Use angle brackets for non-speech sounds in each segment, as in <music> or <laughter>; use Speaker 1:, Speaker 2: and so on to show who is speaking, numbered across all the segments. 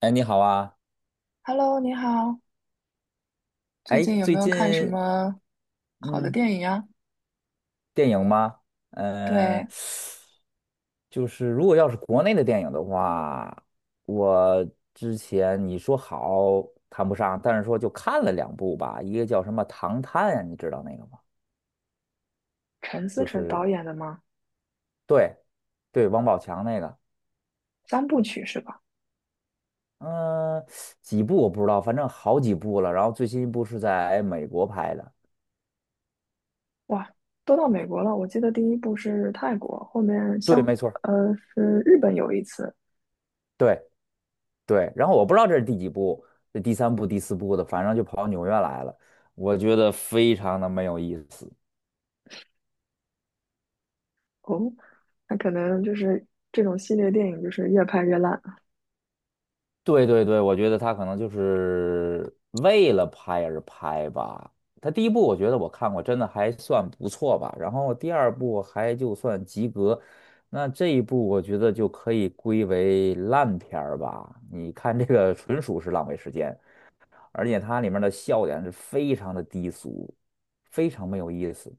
Speaker 1: 哎，你好啊！
Speaker 2: Hello，你好，最
Speaker 1: 哎，
Speaker 2: 近有
Speaker 1: 最
Speaker 2: 没有
Speaker 1: 近
Speaker 2: 看什么好的
Speaker 1: 嗯，
Speaker 2: 电影啊？
Speaker 1: 电影吗？
Speaker 2: 对，
Speaker 1: 嗯、就是如果要是国内的电影的话，我之前你说好谈不上，但是说就看了2部吧，一个叫什么《唐探》呀，你知道那个吗？
Speaker 2: 陈思
Speaker 1: 就
Speaker 2: 诚
Speaker 1: 是
Speaker 2: 导演的吗？
Speaker 1: 对对，王宝强那个，
Speaker 2: 三部曲是吧？
Speaker 1: 嗯、几部我不知道，反正好几部了。然后最新一部是在美国拍的，
Speaker 2: 哇，都到美国了。我记得第一部是泰国，后面
Speaker 1: 对，
Speaker 2: 像
Speaker 1: 没错儿
Speaker 2: 是日本有一次
Speaker 1: 对。对，然后我不知道这是第几部，这第三部、第四部的，反正就跑到纽约来了，我觉得非常的没有意思。
Speaker 2: 哦。那可能就是这种系列电影就是越拍越烂，
Speaker 1: 对对对，我觉得他可能就是为了拍而拍吧。他第一部我觉得我看过，真的还算不错吧。然后第二部还就算及格，那这一部我觉得就可以归为烂片儿吧。你看这个纯属是浪费时间。而且它里面的笑点是非常的低俗，非常没有意思。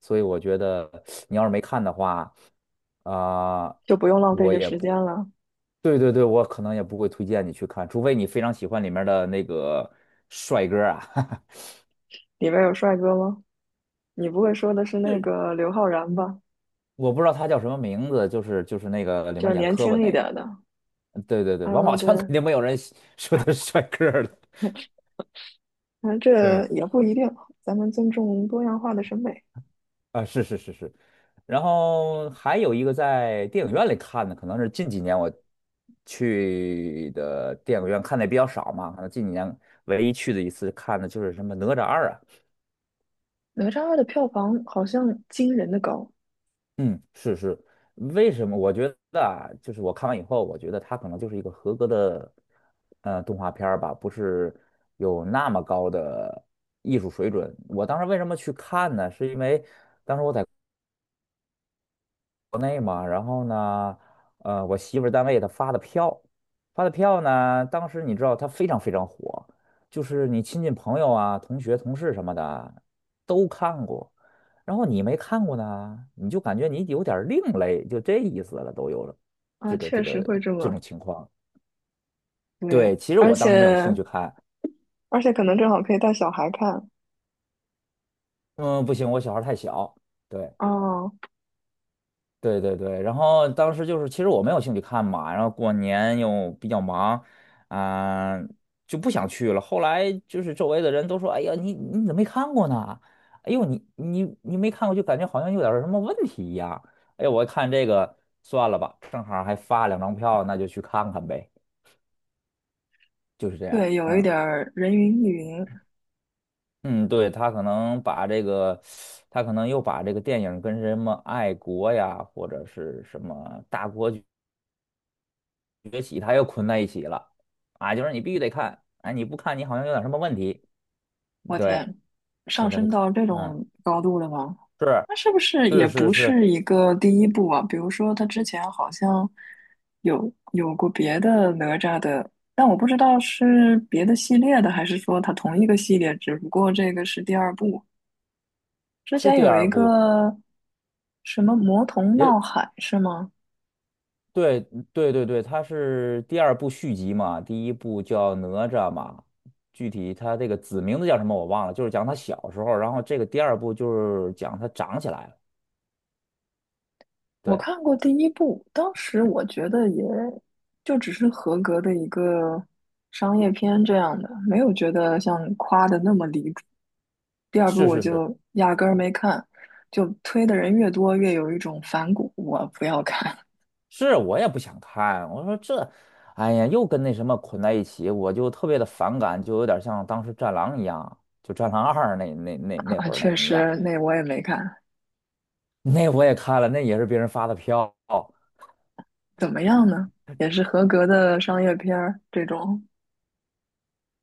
Speaker 1: 所以我觉得你要是没看的话，啊、
Speaker 2: 就不用浪费
Speaker 1: 我
Speaker 2: 这
Speaker 1: 也
Speaker 2: 时
Speaker 1: 不，
Speaker 2: 间了。
Speaker 1: 对对对，我可能也不会推荐你去看，除非你非常喜欢里面的那个帅哥啊，
Speaker 2: 里面有帅哥吗？你不会说的是
Speaker 1: <laughs>
Speaker 2: 那
Speaker 1: 就
Speaker 2: 个刘昊然吧？
Speaker 1: 我不知道他叫什么名字，就是那个里
Speaker 2: 就
Speaker 1: 面
Speaker 2: 是
Speaker 1: 演
Speaker 2: 年
Speaker 1: 磕巴
Speaker 2: 轻一
Speaker 1: 那
Speaker 2: 点的
Speaker 1: 个，对对对，王
Speaker 2: 啊，
Speaker 1: 宝
Speaker 2: 对，
Speaker 1: 强肯定没有人喜说他是帅哥的，
Speaker 2: 那
Speaker 1: <laughs>
Speaker 2: 这
Speaker 1: 对。
Speaker 2: 也不一定，咱们尊重多样化的审美。
Speaker 1: 啊，是是是是，然后还有一个在电影院里看的，可能是近几年我去的电影院看的也比较少嘛，可能近几年唯一去的一次看的就是什么《哪吒二》啊，
Speaker 2: 哪吒二的票房好像惊人的高
Speaker 1: 嗯，是是，为什么？我觉得啊，就是我看完以后，我觉得它可能就是一个合格的动画片儿吧，不是有那么高的艺术水准。我当时为什么去看呢？是因为国内嘛，然后呢，我媳妇儿单位她发的票，发的票呢，当时你知道它非常非常火，就是你亲戚朋友啊、同学、同事什么的都看过，然后你没看过呢，你就感觉你有点儿另类，就这意思了，都有了，
Speaker 2: 啊，
Speaker 1: 这个这
Speaker 2: 确实
Speaker 1: 个
Speaker 2: 会这
Speaker 1: 这
Speaker 2: 么
Speaker 1: 种情况。
Speaker 2: 对。
Speaker 1: 对，其实
Speaker 2: 而
Speaker 1: 我
Speaker 2: 且
Speaker 1: 当时没有兴趣看，
Speaker 2: 而且可能正好可以带小孩看
Speaker 1: 嗯，不行，我小孩儿太小，对。
Speaker 2: 哦。
Speaker 1: 对对对，然后当时就是，其实我没有兴趣看嘛，然后过年又比较忙，啊、就不想去了。后来就是周围的人都说：“哎呀，你怎么没看过呢？哎呦，你没看过，就感觉好像有点儿什么问题一样。”哎呀，我一看这个算了吧，正好还发2张票，那就去看看呗，就是这样。
Speaker 2: 对，有一点
Speaker 1: 嗯
Speaker 2: 儿人云亦云。
Speaker 1: 嗯，对，他可能把这个，他可能又把这个电影跟什么爱国呀，或者是什么大国。崛起，它又捆在一起了啊，就是你必须得看，哎，你不看你好像有点什么问题，
Speaker 2: 我
Speaker 1: 对，
Speaker 2: 天，
Speaker 1: 所
Speaker 2: 上
Speaker 1: 以他就
Speaker 2: 升
Speaker 1: 看，
Speaker 2: 到这
Speaker 1: 嗯，
Speaker 2: 种高度了吗？
Speaker 1: 是
Speaker 2: 那是不是也
Speaker 1: 是是
Speaker 2: 不
Speaker 1: 是
Speaker 2: 是一个第一部啊？比如说，他之前好像有过别的哪吒的，但我不知道是别的系列的，还是说它同一个系列，只不过这个是第二部。之
Speaker 1: 是
Speaker 2: 前
Speaker 1: 第
Speaker 2: 有一
Speaker 1: 二
Speaker 2: 个
Speaker 1: 部，
Speaker 2: 什么《魔童
Speaker 1: 也
Speaker 2: 闹海》是吗？
Speaker 1: 对对对对，它是第二部续集嘛，第一部叫哪吒嘛，具体它这个子名字叫什么我忘了，就是讲他小时候，然后这个第二部就是讲他长起来了，
Speaker 2: 我
Speaker 1: 对，
Speaker 2: 看过第一部，当时我觉得也就只是合格的一个商业片这样的，没有觉得像夸的那么离谱。第二部
Speaker 1: 是
Speaker 2: 我
Speaker 1: 是是
Speaker 2: 就压根儿没看，就推的人越多，越有一种反骨，我不要看。
Speaker 1: 是我也不想看，我说这，哎呀，又跟那什么捆在一起，我就特别的反感，就有点像当时《战狼》一样，就《战狼二》那那那
Speaker 2: <laughs>
Speaker 1: 那
Speaker 2: 啊
Speaker 1: 会儿那
Speaker 2: 确
Speaker 1: 一样，
Speaker 2: 实，那我也没看，
Speaker 1: <laughs> 那我也看了，那也是别人发的票，
Speaker 2: 怎么样呢？也是合格的商业片儿，这种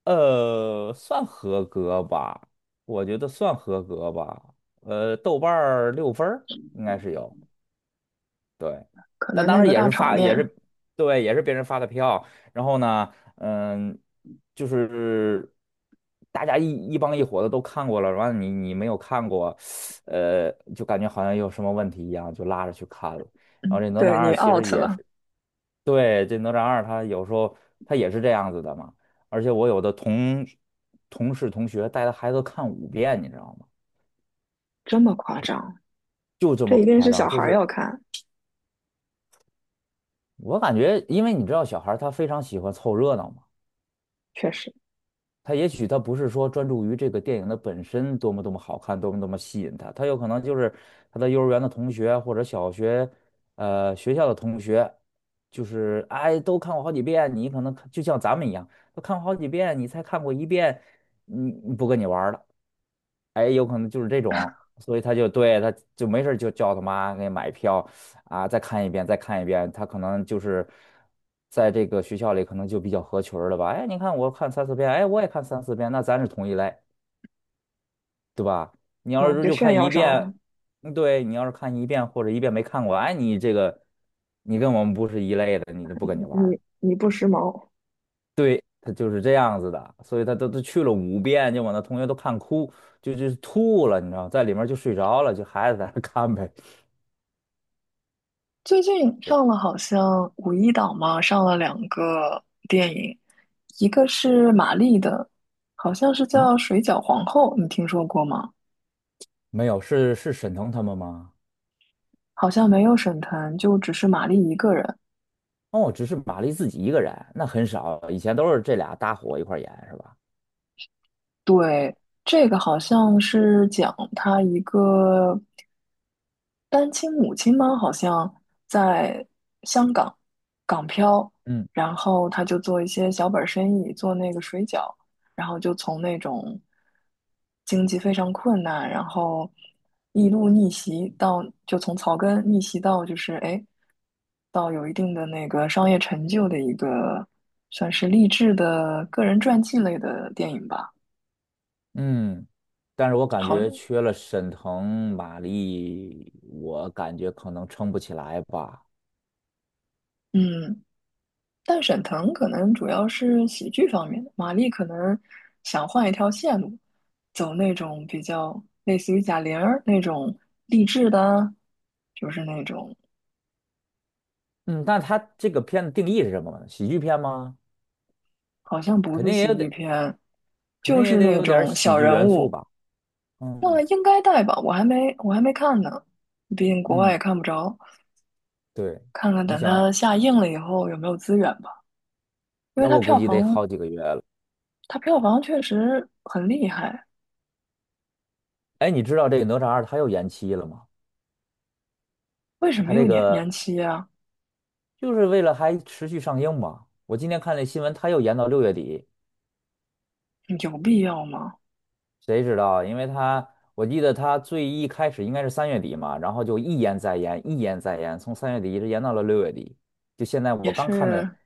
Speaker 1: 算合格吧，我觉得算合格吧，豆瓣儿6分儿应该是有。对，
Speaker 2: 可
Speaker 1: 那
Speaker 2: 能
Speaker 1: 当
Speaker 2: 那
Speaker 1: 时
Speaker 2: 个
Speaker 1: 也
Speaker 2: 大
Speaker 1: 是
Speaker 2: 场
Speaker 1: 发，也
Speaker 2: 面。
Speaker 1: 是对，也是别人发的票。然后呢，嗯，就是大家一帮一伙的都看过了，完了你没有看过，就感觉好像有什么问题一样，就拉着去看了。然后
Speaker 2: 嗯，
Speaker 1: 这哪吒
Speaker 2: 对你
Speaker 1: 二其实
Speaker 2: out
Speaker 1: 也
Speaker 2: 了。
Speaker 1: 是，对，这哪吒二他有时候他也是这样子的嘛。而且我有的同事同学带着孩子看五遍，你知道吗？
Speaker 2: 这么夸张。
Speaker 1: 就这
Speaker 2: 这
Speaker 1: 么
Speaker 2: 一定
Speaker 1: 夸
Speaker 2: 是
Speaker 1: 张，
Speaker 2: 小
Speaker 1: 就
Speaker 2: 孩儿
Speaker 1: 是
Speaker 2: 要看，
Speaker 1: 我感觉，因为你知道小孩儿他非常喜欢凑热闹嘛。
Speaker 2: 确实。
Speaker 1: 他也许他不是说专注于这个电影的本身多么多么好看，多么多么吸引他，他有可能就是他的幼儿园的同学或者小学，学校的同学，就是哎都看过好几遍，你可能看就像咱们一样，都看过好几遍，你才看过一遍，不跟你玩儿了。哎，有可能就是这种，所以他就对他就没事儿就叫他妈给买票啊，再看一遍，再看一遍。他可能就是在这个学校里可能就比较合群儿了吧？哎，你看我看三四遍，哎，我也看三四遍，那咱是同一类，对吧？你要
Speaker 2: 嗯，
Speaker 1: 是
Speaker 2: 就
Speaker 1: 就
Speaker 2: 炫
Speaker 1: 看
Speaker 2: 耀
Speaker 1: 一
Speaker 2: 上了。
Speaker 1: 遍，嗯对，你要是看一遍或者一遍没看过，哎，你这个你跟我们不是一类的，你就不跟你玩儿了。
Speaker 2: 你不时髦。
Speaker 1: 对，他就是这样子的，所以他都去了五遍，就把那同学都看哭，就吐了，你知道，在里面就睡着了，就孩子在那看呗。
Speaker 2: 最近上了好像五一档嘛，上了两个电影，一个是玛丽的，好像是
Speaker 1: 嗯，
Speaker 2: 叫《水饺皇后》，你听说过吗？
Speaker 1: 没有，是是沈腾他们吗？
Speaker 2: 好像没有沈腾，就只是玛丽一个人。
Speaker 1: 哦，只是马丽自己一个人，那很少，以前都是这俩搭伙一块儿演，是吧？
Speaker 2: 对，这个好像是讲她一个单亲母亲吗？好像在香港港漂，
Speaker 1: 嗯
Speaker 2: 然后他就做一些小本儿生意，做那个水饺，然后就从那种经济非常困难，然后一路逆袭到，就从草根逆袭到就是哎，到有一定的那个商业成就的一个算是励志的个人传记类的电影吧。
Speaker 1: 嗯，但是我感
Speaker 2: 好。
Speaker 1: 觉缺了沈腾、马丽，我感觉可能撑不起来吧。
Speaker 2: 嗯，但沈腾可能主要是喜剧方面的，马丽可能想换一条线路，走那种比较类似于贾玲儿那种励志的啊，就是那种
Speaker 1: 嗯，那他这个片子定义是什么呢？喜剧片吗？
Speaker 2: 好像不
Speaker 1: 肯
Speaker 2: 是
Speaker 1: 定也
Speaker 2: 喜剧
Speaker 1: 得，
Speaker 2: 片，
Speaker 1: 肯定
Speaker 2: 就
Speaker 1: 也
Speaker 2: 是
Speaker 1: 得
Speaker 2: 那
Speaker 1: 有点儿
Speaker 2: 种小
Speaker 1: 喜剧
Speaker 2: 人
Speaker 1: 元素
Speaker 2: 物。
Speaker 1: 吧。
Speaker 2: 那
Speaker 1: 嗯。
Speaker 2: 应该带吧，我还没看呢，毕竟国外
Speaker 1: 嗯，
Speaker 2: 也看不着，
Speaker 1: 对，
Speaker 2: 看看
Speaker 1: 你
Speaker 2: 等
Speaker 1: 想，
Speaker 2: 它下映了以后有没有资源吧。因为
Speaker 1: 那
Speaker 2: 它
Speaker 1: 我估
Speaker 2: 票
Speaker 1: 计得
Speaker 2: 房
Speaker 1: 好几个月了。
Speaker 2: 它票房确实很厉害。
Speaker 1: 哎，你知道这个《哪吒二》它又延期了吗？
Speaker 2: 为什
Speaker 1: 它
Speaker 2: 么
Speaker 1: 这
Speaker 2: 又延
Speaker 1: 个
Speaker 2: 期啊？
Speaker 1: 就是为了还持续上映嘛。我今天看那新闻，它又延到六月底，
Speaker 2: 有必要吗？
Speaker 1: 谁知道？因为它我记得它最一开始应该是三月底嘛，然后就一延再延，一延再延，从三月底一直延到了六月底。就现在
Speaker 2: 也
Speaker 1: 我刚看的
Speaker 2: 是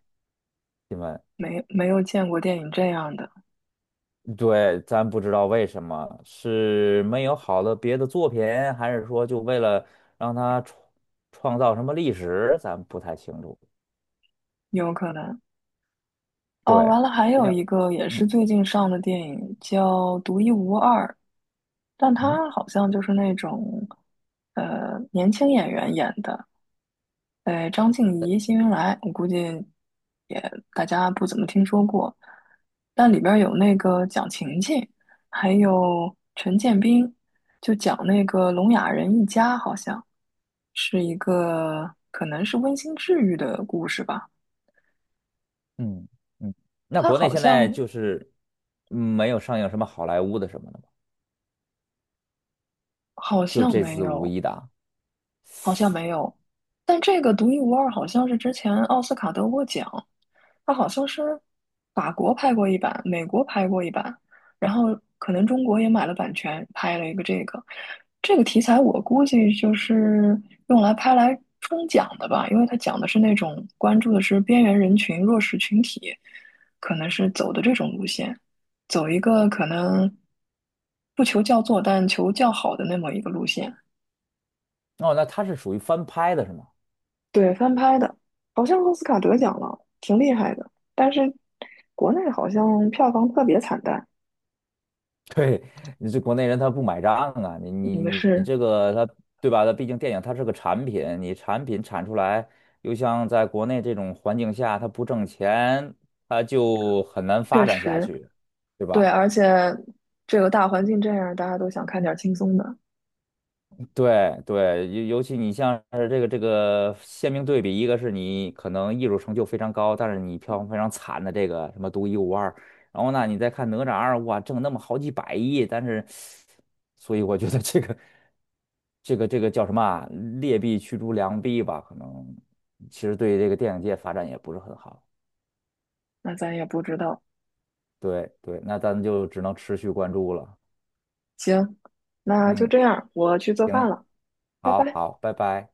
Speaker 1: 新闻，
Speaker 2: 没有见过电影这样的。
Speaker 1: 对，咱不知道为什么，是没有好的别的作品，还是说就为了让他创造什么历史，咱不太清楚。
Speaker 2: 有可能。
Speaker 1: 对，
Speaker 2: 哦，完了，还
Speaker 1: 肯
Speaker 2: 有
Speaker 1: 定，
Speaker 2: 一个也是
Speaker 1: 嗯
Speaker 2: 最近上的电影叫《独一无二》，但
Speaker 1: 嗯
Speaker 2: 它好像就是那种年轻演员演的。对，张静怡《辛云来》，我估计也大家不怎么听说过，但里边儿有那个蒋勤勤，还有陈建斌，就讲那个聋哑人一家，好像是一个可能是温馨治愈的故事吧。
Speaker 1: 嗯嗯。那
Speaker 2: 他
Speaker 1: 国内
Speaker 2: 好
Speaker 1: 现在
Speaker 2: 像
Speaker 1: 就是没有上映什么好莱坞的什么的吗？
Speaker 2: 好
Speaker 1: 就
Speaker 2: 像
Speaker 1: 这
Speaker 2: 没
Speaker 1: 次五
Speaker 2: 有，
Speaker 1: 一档。
Speaker 2: 好像没有。但这个独一无二，好像是之前奥斯卡得过奖，它好像是法国拍过一版，美国拍过一版，然后可能中国也买了版权，拍了一个这个。这个题材我估计就是用来拍来冲奖的吧，因为它讲的是那种关注的是边缘人群、弱势群体，可能是走的这种路线，走一个可能不求叫座，但求叫好的那么一个路线。
Speaker 1: 哦，那它是属于翻拍的是吗？
Speaker 2: 对，翻拍的，好像奥斯卡得奖了，挺厉害的。但是国内好像票房特别惨淡。
Speaker 1: <laughs> 对，你这国内人他不买账啊，你你
Speaker 2: 嗯，
Speaker 1: 你你
Speaker 2: 是
Speaker 1: 这个他对吧？他毕竟电影它是个产品，你产品产出来，又像在国内这种环境下，他不挣钱，他就很难
Speaker 2: 确
Speaker 1: 发展下
Speaker 2: 实
Speaker 1: 去，对
Speaker 2: 对。
Speaker 1: 吧？
Speaker 2: 而且这个大环境这样，大家都想看点轻松的。
Speaker 1: 对对，尤其你像是这个鲜明对比，一个是你可能艺术成就非常高，但是你票房非常惨的这个什么《独一无二》，然后呢，你再看《哪吒二》，哇，挣那么好几百亿，但是，所以我觉得这个这个叫什么啊劣币驱逐良币吧，可能其实对这个电影界发展也不是很好。
Speaker 2: 那咱也不知道。
Speaker 1: 对对，那咱就只能持续关注了。
Speaker 2: 行，那就
Speaker 1: 嗯，
Speaker 2: 这样，我去做
Speaker 1: 行，
Speaker 2: 饭了，拜
Speaker 1: 好
Speaker 2: 拜。
Speaker 1: 好，拜拜。